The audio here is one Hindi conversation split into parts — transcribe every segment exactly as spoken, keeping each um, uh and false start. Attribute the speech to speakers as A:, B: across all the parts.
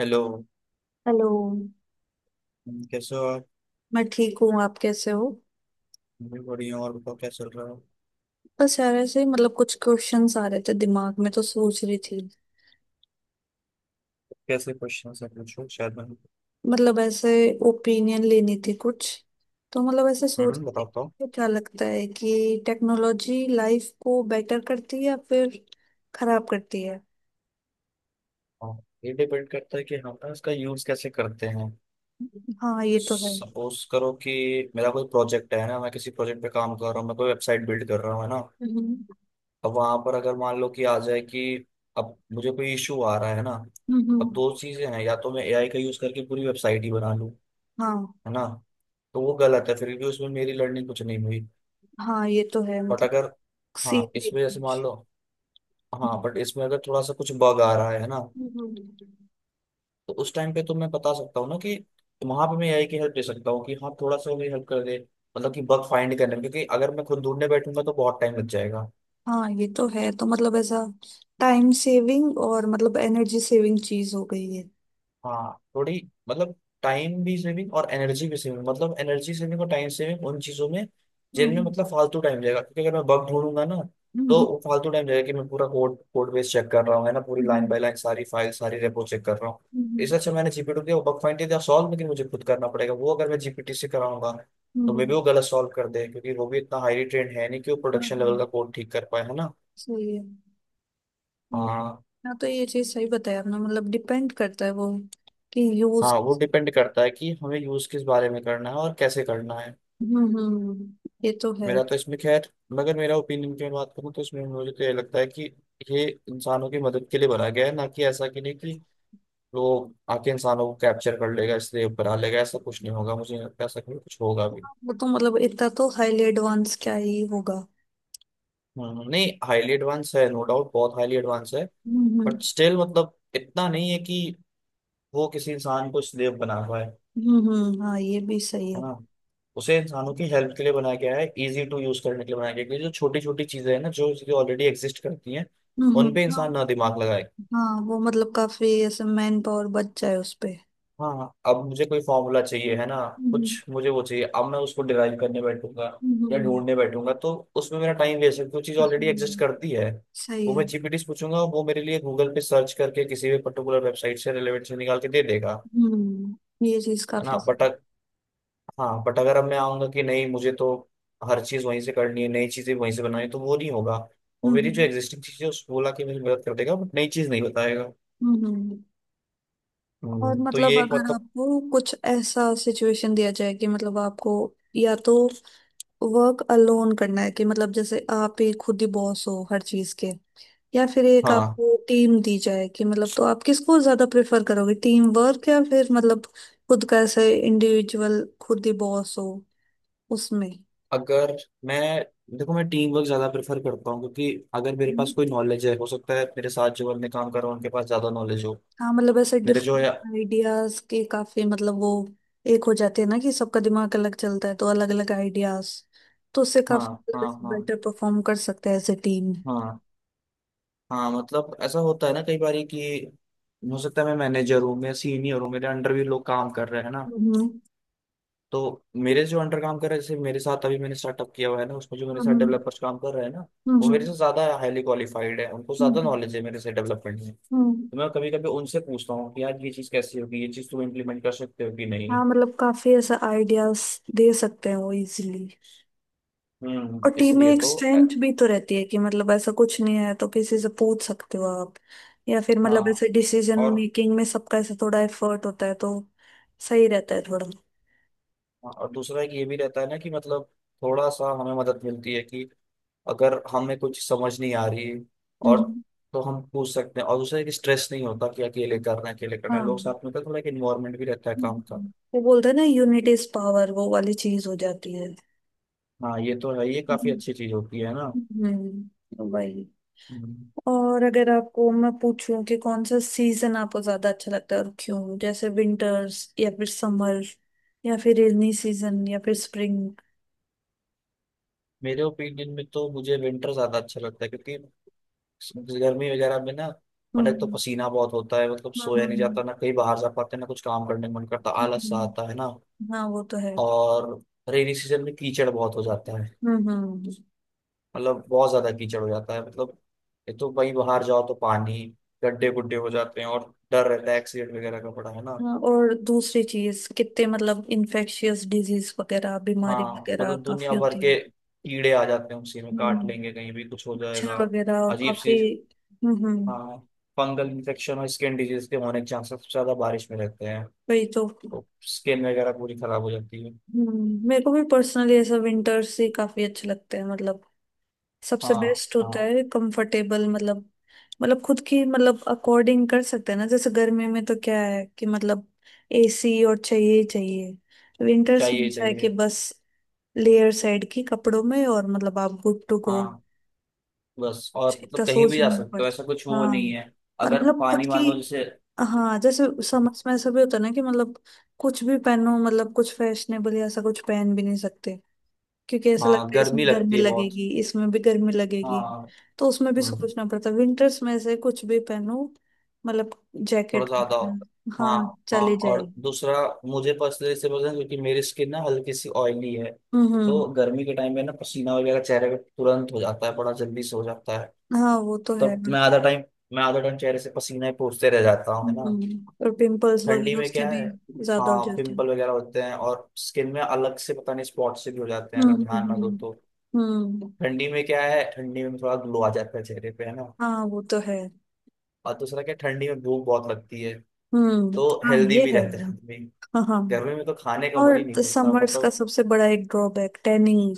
A: हेलो।
B: हेलो।
A: कैसे हो आप?
B: मैं ठीक हूँ, आप कैसे हो?
A: मैं बढ़िया हूँ। और बताओ, क्या चल रहा है?
B: बस यार ऐसे ही, मतलब कुछ क्वेश्चंस आ रहे थे दिमाग में तो सोच रही थी।
A: कैसे क्वेश्चन है, पूछो। शायद मैं...
B: मतलब ऐसे ओपिनियन लेनी थी कुछ, तो मतलब ऐसे सोच
A: हम्म,
B: रही थी
A: बताता हूँ।
B: कि क्या लगता है कि टेक्नोलॉजी लाइफ को बेटर करती है या फिर खराब करती है।
A: हाँ, ये डिपेंड करता है कि हम ना इसका यूज कैसे करते हैं।
B: हाँ ये तो है।
A: सपोज करो कि मेरा कोई प्रोजेक्ट है ना, मैं किसी प्रोजेक्ट पे काम कर रहा हूँ, मैं कोई वेबसाइट बिल्ड कर रहा हूँ, है ना।
B: हम्म
A: अब वहां पर अगर मान लो कि आ जाए कि अब मुझे कोई इशू आ रहा है ना। अब
B: हम्म।
A: दो चीजें हैं, या तो मैं ए आई का यूज करके पूरी वेबसाइट ही बना लूँ,
B: हाँ
A: है ना, तो वो गलत है, फिर भी उसमें मेरी लर्निंग कुछ नहीं हुई।
B: हाँ ये तो है
A: बट
B: मतलब,
A: अगर... हाँ
B: सीख
A: इसमें जैसे मान
B: कुछ।
A: लो, हाँ बट इसमें अगर थोड़ा सा कुछ बग आ रहा है ना,
B: हम्म।
A: तो उस टाइम पे तो मैं बता सकता हूँ ना कि वहां पे मैं ए आई की हेल्प दे सकता हूँ कि हाँ थोड़ा सा भी हेल्प कर दे, मतलब कि बग फाइंड करने में, क्योंकि अगर मैं खुद ढूंढने बैठूंगा तो बहुत टाइम लग जाएगा।
B: हाँ ये तो है, तो मतलब ऐसा टाइम सेविंग और मतलब एनर्जी सेविंग चीज हो गई है।
A: हाँ थोड़ी, मतलब टाइम भी सेविंग और एनर्जी भी सेविंग, मतलब एनर्जी सेविंग और टाइम सेविंग उन चीजों में जिनमें
B: हम्म,
A: मतलब फालतू टाइम जाएगा, क्योंकि अगर मैं बग ढूंढूंगा ना, तो
B: हम्म,
A: वो फालतू टाइम जाएगा कि मैं पूरा कोड कोड बेस चेक कर रहा हूँ, है ना, पूरी लाइन
B: हम्म,
A: बाय लाइन सारी फाइल सारी रेपो चेक कर रहा हूँ।
B: हम्म,
A: इससे अच्छा मैंने जी पी टी दिया, बग फाइंड दिया, सॉल्व, लेकिन मुझे खुद करना पड़ेगा। वो अगर मैं जी पी टी से कराऊंगा तो मे
B: हम्म,
A: भी वो गलत सॉल्व कर दे, क्योंकि वो भी इतना हाईली ट्रेंड है नहीं कि वो
B: हाँ,
A: प्रोडक्शन लेवल का
B: हाँ,
A: कोड ठीक कर पाए, है ना।
B: सही है। हम्म,
A: हाँ।
B: हाँ तो ये चीज सही बताया आपने, मतलब डिपेंड करता है वो कि यूज।
A: हाँ, वो डिपेंड करता है कि हमें यूज किस बारे में करना है और कैसे करना है।
B: हम्म हम्म, हम्म, ये तो है।
A: मेरा तो इसमें खैर, मगर मेरा ओपिनियन की मैं बात करूँ तो इसमें मुझे तो ये लगता है कि ये इंसानों की मदद के लिए बनाया गया है, ना कि ऐसा कि... नहीं कि वो आके इंसानों को कैप्चर कर लेगा। इसलिए बना लेगा, ऐसा कुछ नहीं होगा, मुझे नहीं लगता ऐसा कभी कुछ होगा भी।
B: वो तो मतलब इतना तो हाईली एडवांस क्या ही होगा।
A: हम्म, नहीं, हाईली एडवांस है, नो डाउट बहुत हाईली एडवांस है।
B: हम्म
A: बट स्टिल मतलब इतना नहीं है कि वो किसी इंसान को स्लेव बना पाए,
B: हम्म हम्म, हाँ ये भी सही
A: है
B: है।
A: ना। उसे इंसानों की हेल्प के लिए बनाया गया है, इजी टू यूज करने के लिए बनाया गया है, क्योंकि जो छोटी छोटी चीजें हैं ना, जो चीजें ऑलरेडी एग्जिस्ट करती हैं
B: हम्म।
A: उन पे
B: हाँ।
A: इंसान ना दिमाग लगाए।
B: हाँ वो मतलब काफी ऐसे मैन पावर बच जाए उस पे।
A: हाँ हाँ, अब मुझे कोई फॉर्मूला चाहिए, है ना।
B: हम्म
A: कुछ मुझे वो चाहिए, अब मैं उसको डिराइव करने बैठूंगा या
B: हम्म
A: ढूंढने बैठूंगा, तो उसमें मेरा टाइम वेस्ट है, वो चीज़ ऑलरेडी एग्जिस्ट
B: हम्म,
A: करती है।
B: सही
A: वो
B: है।
A: मैं जी पी टी से पूछूंगा, वो मेरे लिए गूगल पे सर्च करके किसी भी पर्टिकुलर वेबसाइट से रिलेवेंट से निकाल के दे देगा।
B: हम्म ये चीज
A: है ना
B: काफी सही
A: बट...
B: है।
A: हाँ बट अगर अब मैं आऊंगा कि नहीं मुझे तो हर चीज़ वहीं से करनी है, नई चीज़ें वहीं से बनानी है, तो वो नहीं होगा। वो मेरी जो
B: हम्म
A: एग्जिस्टिंग चीज़ है उसको बोला कि मेरी मदद कर देगा, बट नई चीज़ नहीं बताएगा।
B: हम्म हम्म। और
A: हम्म, तो
B: मतलब
A: ये एक
B: अगर
A: मतलब...
B: आपको कुछ ऐसा सिचुएशन दिया जाए कि मतलब आपको या तो वर्क अलोन करना है, कि मतलब जैसे आप ही खुद ही बॉस हो हर चीज के, या फिर एक
A: हाँ,
B: आपको टीम दी जाए, कि मतलब तो आप किसको ज्यादा प्रेफर करोगे, टीम वर्क या फिर मतलब खुद का ऐसे इंडिविजुअल खुद ही बॉस हो उसमें।
A: अगर मैं... देखो, मैं टीम वर्क ज्यादा प्रेफर करता हूँ, क्योंकि अगर मेरे पास कोई नॉलेज है, हो सकता है मेरे साथ जो बंदे काम कर रहे हैं उनके पास ज्यादा नॉलेज हो।
B: हाँ मतलब ऐसे
A: मेरे जो
B: डिफरेंट
A: है...
B: आइडियाज के काफी मतलब वो एक हो जाते हैं ना कि सबका दिमाग अलग चलता है तो अलग अलग आइडियाज, तो उससे
A: हाँ
B: काफी
A: हाँ
B: मतलब
A: हाँ।
B: बेटर परफॉर्म कर सकते हैं एज ए टीम।
A: हाँ। हाँ मतलब ऐसा होता है ना कई बार कि हो सकता है मैं मैनेजर हूँ, मैं सीनियर हूँ, मेरे अंडर भी लोग काम कर रहे हैं ना,
B: हम्म
A: तो मेरे जो अंडर काम कर रहे हैं, जैसे मेरे साथ अभी मैंने स्टार्टअप किया हुआ है ना, उसमें जो मेरे साथ
B: हम्म
A: डेवलपर्स काम कर रहे हैं ना, वो
B: हम्म
A: मेरे से ज्यादा हाईली क्वालिफाइड है, उनको ज्यादा
B: हम्म,
A: नॉलेज है मेरे से डेवलपमेंट में। तो
B: हम्म।
A: मैं कभी कभी उनसे पूछता हूँ कि यार ये चीज कैसी होगी, ये चीज तुम इम्प्लीमेंट कर सकते हो कि नहीं।
B: हाँ मतलब काफी ऐसा आइडियाज दे सकते हैं वो इजीली। और
A: हम्म
B: टीम में
A: इसलिए
B: एक
A: तो अ,
B: स्ट्रेंथ भी तो रहती है कि मतलब ऐसा कुछ नहीं है तो किसी से पूछ सकते हो आप, या फिर मतलब
A: हाँ।
B: ऐसे डिसीजन
A: और...
B: मेकिंग में सबका ऐसा थोड़ा एफर्ट होता है तो सही रहता है थोड़ा।
A: और दूसरा एक ये भी रहता है ना कि मतलब थोड़ा सा हमें मदद मिलती है कि अगर हमें कुछ समझ नहीं आ रही, और
B: हम्म।
A: तो हम पूछ सकते हैं। और दूसरा, एक स्ट्रेस नहीं होता कि अकेले करना है अकेले करना है। लोग
B: हाँ।
A: साथ में होते हैं, थोड़ा एक इन्वायरमेंट भी रहता है काम का।
B: हम्म। वो बोलते हैं ना यूनिट इज पावर, वो वाली चीज हो जाती है।
A: हाँ ये तो है, ये काफी
B: हम्म
A: अच्छी चीज होती है ना।
B: हम्म, वही।
A: हम्म।
B: और अगर आपको मैं पूछूं कि कौन सा सीजन आपको ज्यादा अच्छा लगता है और क्यों, जैसे विंटर्स या फिर समर या फिर रेनी सीजन या फिर स्प्रिंग?
A: मेरे ओपिनियन में तो मुझे विंटर ज्यादा अच्छा लगता है, क्योंकि इस... गर्मी वगैरह में ना, मतलब एक तो
B: हम्म
A: पसीना बहुत होता है, मतलब
B: हम्म
A: सोया नहीं
B: हम्म,
A: जाता, ना कहीं बाहर जा पाते, ना कुछ काम करने का मन करता, आलस सा आता
B: हम्म।
A: है ना।
B: हाँ वो तो है।
A: और रेनी सीजन में कीचड़ बहुत हो जाता है,
B: हम्म हम्म।
A: मतलब बहुत ज्यादा कीचड़ हो जाता है, मतलब एक तो वहीं बाहर जाओ तो पानी... गड्ढे गुड्ढे हो जाते हैं और डर रहता है एक्सीडेंट वगैरह का बड़ा, है ना।
B: हाँ, और दूसरी चीज कितने मतलब इन्फेक्शियस डिजीज वगैरह बीमारी
A: हाँ
B: वगैरह
A: मतलब
B: काफी
A: दुनिया भर
B: होती है।
A: के कीड़े आ जाते हैं, उसी में काट
B: हम्म,
A: लेंगे, कहीं भी कुछ हो
B: मच्छर
A: जाएगा।
B: वगैरह और
A: अजीब
B: काफी।
A: सी...
B: हम्म हम्म,
A: हाँ, फंगल इन्फेक्शन और स्किन डिजीज के होने के चांसेस सबसे ज्यादा बारिश में रहते हैं।
B: वही तो।
A: तो स्किन वगैरह पूरी खराब हो जाती है।
B: हम्म, मेरे को भी पर्सनली ऐसा विंटर्स ही काफी अच्छे लगते हैं, मतलब सबसे
A: हाँ।
B: बेस्ट होता
A: हाँ,
B: है कंफर्टेबल, मतलब मतलब खुद की मतलब अकॉर्डिंग कर सकते हैं ना। जैसे गर्मी में तो क्या है कि मतलब एसी और चाहिए ही चाहिए, विंटर्स में
A: चाहिए
B: ऐसा है कि
A: चाहिए।
B: बस लेयर साइड की कपड़ों में और मतलब आप गुड टू गो,
A: हाँ, बस और
B: इतना
A: मतलब कहीं भी
B: सोचना
A: जा
B: नहीं
A: सकते हो, ऐसा कुछ
B: पड़ता।
A: वो
B: हाँ
A: नहीं है।
B: और
A: अगर
B: मतलब खुद
A: पानी
B: की,
A: मान लो जैसे...
B: हाँ जैसे समझ में ऐसा भी होता है ना कि मतलब कुछ भी पहनो, मतलब कुछ फैशनेबल ऐसा कुछ पहन भी नहीं सकते, क्योंकि ऐसा
A: हाँ,
B: लगता है इसमें
A: गर्मी लगती
B: गर्मी
A: है बहुत।
B: लगेगी इसमें भी गर्मी लगेगी।
A: हाँ।
B: तो उसमें भी
A: हम्म।
B: सोचना पड़ता है, विंटर्स में से कुछ भी पहनो, मतलब
A: थोड़ा
B: जैकेट
A: ज्यादा होता
B: वगैरह
A: है, हाँ।
B: हाँ
A: हाँ
B: चली
A: और
B: जाएगी।
A: दूसरा, मुझे पर्सनली इससे पसंद है क्योंकि मेरी स्किन ना हल्की सी ऑयली है।
B: हम्म हम्म,
A: तो गर्मी के टाइम में ना पसीना वगैरह चेहरे पे तुरंत हो जाता है, बड़ा जल्दी से हो जाता है।
B: हाँ वो तो है।
A: तब मैं आधा टाइम मैं आधा टाइम चेहरे से पसीना ही पोंछते रह जाता हूँ, है ना।
B: हम्म और पिंपल्स
A: ठंडी
B: वगैरह
A: में
B: उसके
A: क्या
B: भी
A: है...
B: ज्यादा हो
A: हाँ,
B: जाते हैं।
A: पिंपल वगैरह होते हैं और स्किन में अलग से पता नहीं स्पॉट से भी हो जाते हैं
B: हम्म
A: अगर ध्यान ना दो
B: हम्म
A: तो।
B: हम्म हम्म।
A: ठंडी में क्या है, ठंडी में थोड़ा ग्लो आ जाता है चेहरे पे, है ना।
B: हाँ वो तो है।
A: और दूसरा क्या, ठंडी में भूख बहुत लगती है,
B: हम्म।
A: तो
B: हाँ
A: हेल्दी
B: ये
A: भी
B: है।
A: रहते हैं आदमी।
B: हाँ हाँ।
A: गर्मी में तो खाने का मन ही
B: और
A: नहीं करता,
B: समर्स का
A: मतलब...
B: सबसे बड़ा एक ड्रॉबैक टैनिंग,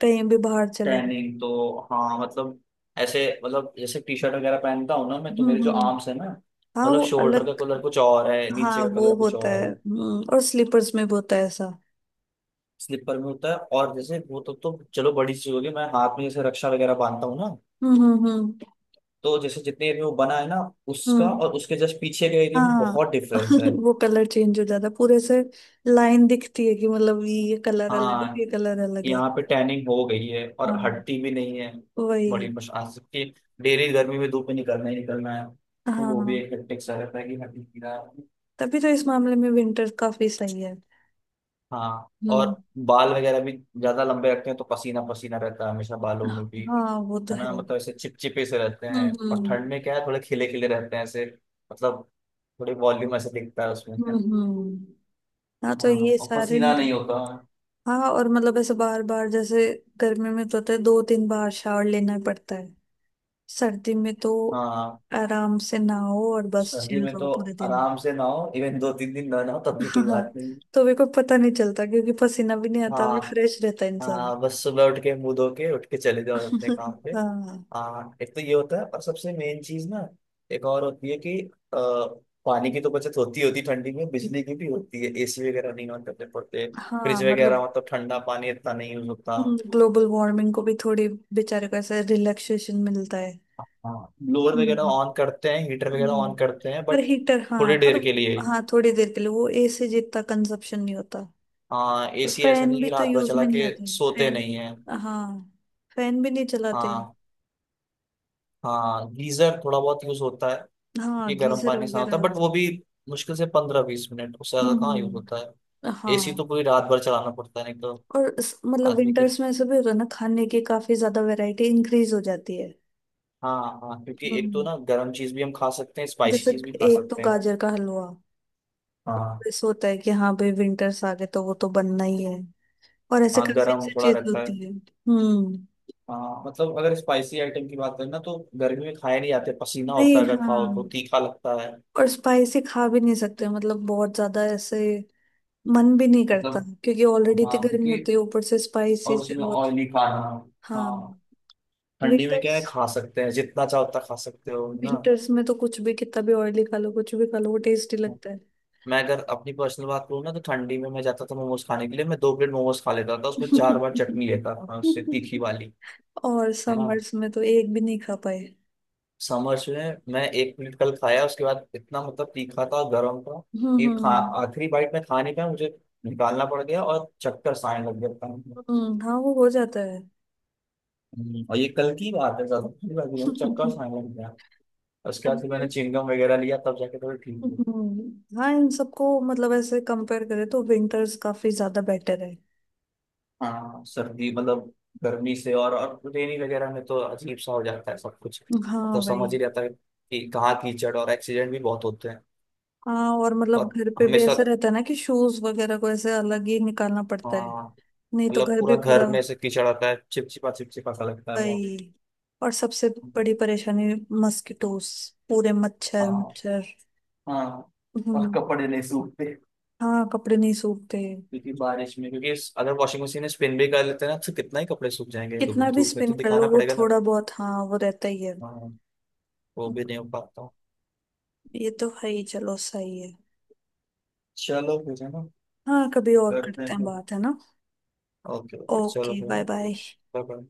B: कहीं भी बाहर चले।
A: टैनिंग तो हाँ मतलब ऐसे, मतलब जैसे टी शर्ट वगैरह पहनता हूँ ना मैं, तो
B: हम्म
A: मेरे जो
B: हम्म,
A: आर्म्स है ना,
B: हाँ
A: मतलब
B: वो
A: शोल्डर का
B: अलग।
A: कलर कुछ और है, नीचे
B: हाँ
A: का
B: वो
A: कलर कुछ
B: होता
A: और
B: है
A: है।
B: हम्म, और स्लीपर्स में भी होता है ऐसा।
A: स्लीपर में होता है। और जैसे वो तो... तो चलो बड़ी चीज होगी, मैं हाथ में जैसे रक्षा वगैरह बांधता हूँ ना,
B: हम्म हम्म हम्म
A: तो जैसे जितने एरिया में बना है ना, उसका
B: हम्म,
A: और उसके जस्ट पीछे के एरिया में
B: हाँ।
A: बहुत डिफरेंस है।
B: वो कलर चेंज हो जाता है पूरे से, लाइन दिखती है कि मतलब ये कलर अलग है
A: हाँ
B: ये कलर अलग है।
A: यहाँ पे टैनिंग हो गई है और
B: हाँ
A: हटती भी नहीं है। बड़ी
B: वही।
A: मुश्किल से। डेली गर्मी में धूप में निकलना ही निकलना है, तो वो भी
B: हाँ
A: एक हेक्टिक सा रहता है कि हट ही नहीं रहा है।
B: तभी तो इस मामले में विंटर काफी सही है।
A: हाँ
B: हम्म।
A: और बाल वगैरह भी ज्यादा लंबे रखते हैं, तो पसीना पसीना रहता है हमेशा, बालों में भी,
B: हाँ वो तो
A: है
B: है।
A: ना। मतलब ऐसे चिपचिपे से रहते
B: हम्म
A: हैं, और ठंड
B: हम्म
A: में क्या है, थोड़े खिले खिले रहते हैं ऐसे, मतलब थोड़ी वॉल्यूम ऐसे दिखता है उसमें।
B: हम्म हम्म। हाँ तो
A: हाँ
B: ये
A: और
B: सारे
A: पसीना नहीं
B: मतलब,
A: होता है।
B: हाँ और मतलब ऐसे बार बार जैसे गर्मी में तो होता है दो तीन बार शावर लेना पड़ता है, सर्दी में तो
A: हाँ,
B: आराम से नहाओ और बस
A: सर्दी
B: चिल
A: में
B: रहो
A: तो
B: पूरे दिन।
A: आराम से नहाओ, इवन दो तीन दिन ना नहाओ तब भी कोई
B: हाँ,
A: बात नहीं।
B: तो मेरे को पता नहीं चलता क्योंकि पसीना भी नहीं आता, भी
A: हाँ,
B: फ्रेश रहता है इंसान।
A: हाँ बस सुबह उठ के मुंह धो के उठ के चले जाओ अपने काम पे।
B: हाँ।
A: हाँ एक तो ये होता है, और सबसे मेन चीज ना, एक और होती है कि अ, पानी की तो बचत होती, होती है ठंडी में, बिजली की भी होती है, एसी वगैरह नहीं ऑन करने पड़ते।
B: हाँ
A: फ्रिज वगैरह,
B: मतलब
A: मतलब ठंडा पानी इतना नहीं यूज होता।
B: ग्लोबल वार्मिंग को भी थोड़ी बेचारे को ऐसे रिलैक्सेशन मिलता है।
A: हाँ ब्लोअर वगैरह ऑन करते हैं, हीटर वगैरह
B: हम्म
A: ऑन करते हैं,
B: पर
A: बट
B: हीटर, हाँ
A: थोड़ी
B: पर
A: देर के लिए ही।
B: हाँ थोड़ी देर के लिए वो एसी जितना कंजप्शन नहीं होता।
A: हाँ,
B: और
A: ए सी ऐसा
B: फैन
A: नहीं
B: भी
A: कि
B: तो
A: रात भर
B: यूज
A: चला
B: में नहीं
A: के
B: आते,
A: सोते
B: फैन
A: नहीं है।
B: हाँ फैन भी नहीं चलाते।
A: हाँ। हाँ गीजर थोड़ा बहुत यूज होता है
B: हाँ
A: क्योंकि गर्म
B: गीजर
A: पानी से होता
B: वगैरह
A: है, बट वो
B: हम्म
A: भी मुश्किल से पंद्रह बीस मिनट, उससे ज्यादा कहाँ यूज
B: हम्म,
A: होता है। ए सी
B: हाँ।
A: तो पूरी रात भर चलाना पड़ता है, नहीं तो...
B: और इस- मतलब
A: आदमी की...
B: विंटर्स में ऐसा भी होता है ना खाने की काफी ज्यादा वैरायटी इंक्रीज हो जाती है।
A: हाँ हाँ, क्योंकि एक तो
B: हम्म,
A: ना गर्म चीज भी हम खा सकते हैं, स्पाइसी
B: जैसे
A: चीज भी खा
B: एक तो
A: सकते हैं।
B: गाजर का हलवा,
A: हाँ।
B: ऐसा होता है कि हाँ भाई विंटर्स आ गए तो वो तो बनना ही है, और ऐसे
A: हाँ
B: काफी
A: गर्म
B: अच्छी
A: थोड़ा
B: चीज
A: रहता है।
B: होती है। हम्म।
A: हाँ मतलब अगर स्पाइसी आइटम की बात करें ना, तो गर्मी में खाए नहीं जाते, पसीना होता
B: नहीं
A: है, अगर
B: हाँ,
A: खाओ तो तीखा लगता है,
B: और स्पाइसी खा भी नहीं सकते मतलब बहुत ज्यादा ऐसे, मन भी नहीं करता
A: मतलब...
B: क्योंकि ऑलरेडी इतनी
A: हाँ
B: गर्मी
A: क्योंकि...
B: होती है ऊपर से स्पाइसी
A: और
B: से
A: उसमें
B: और
A: ऑयली खाना।
B: हाँ।
A: हाँ। ठंडी में क्या
B: विंटर्स
A: है, खा सकते हैं जितना चाहो उतना खा सकते हो, है ना।
B: विंटर्स में तो कुछ भी, कितना भी ऑयली खा लो, कुछ भी खा लो वो टेस्टी लगता है।
A: मैं अगर अपनी पर्सनल बात करूँ ना, तो ठंडी में मैं जाता था मोमोज खाने के लिए, मैं दो प्लेट मोमोज खा लेता था, उसमें चार बार चटनी लेता था मैं उससे तीखी वाली,
B: और
A: है ना।
B: समर्स में तो एक भी नहीं खा पाए।
A: समर्स में मैं एक प्लेट कल खाया, उसके बाद इतना मतलब तीखा था, गर्म था,
B: हम्म
A: कि खा...
B: हम्म
A: आखिरी बाइट में खा नहीं पाया मुझे, निकालना पड़ गया, और चक्कर आने लग गया था।
B: हम्म, हाँ वो हो जाता है।
A: हम्म, और ये कल की बात है, ज्यादा की बात नहीं, चक्कर आने लग गया। उसके बाद फिर मैंने
B: अभी
A: चिंगम वगैरह लिया, तब जाके थोड़ा ठीक।
B: हम्म, हाँ इन सबको मतलब ऐसे कंपेयर करें तो विंटर्स काफी ज्यादा बेटर है।
A: हाँ सर्दी मतलब, गर्मी से, और और रेनी वगैरह में तो अजीब सा हो जाता है सब कुछ।
B: हाँ
A: मतलब
B: भाई।
A: समझ ही रहता है कि कहाँ कीचड़, और एक्सीडेंट भी बहुत होते हैं।
B: हाँ और मतलब
A: और
B: घर पे भी
A: हमेशा,
B: ऐसा रहता है ना कि शूज वगैरह को ऐसे अलग ही निकालना पड़ता है,
A: हाँ,
B: नहीं तो
A: मतलब
B: घर भी
A: पूरा
B: पूरा।
A: घर में से कीचड़ आता है, चिपचिपा चिपचिपा सा लगता है बहुत।
B: भाई, और सबसे बड़ी परेशानी मस्किटोस, पूरे मच्छर
A: हाँ।
B: मच्छर।
A: हाँ और
B: हम्म,
A: कपड़े नहीं सूखते,
B: हाँ कपड़े नहीं सूखते।
A: क्योंकि बारिश में, क्योंकि इस- अगर वॉशिंग मशीन में स्पिन भी कर लेते हैं ना, तो कितना ही कपड़े सूख जाएंगे, धूप...
B: कितना भी
A: धूप में
B: स्पिन
A: तो
B: कर लो
A: दिखाना
B: वो
A: पड़ेगा ना।
B: थोड़ा बहुत हाँ वो रहता ही है।
A: हाँ वो भी नहीं हो पाता।
B: ये तो है ही, चलो सही है।
A: चलो फिर, है ना।
B: हाँ कभी और
A: करते
B: करते
A: हैं
B: हैं
A: फिर।
B: बात, है ना।
A: ओके ओके चलो
B: ओके,
A: फिर।
B: Bye bye.
A: Okay, bye bye.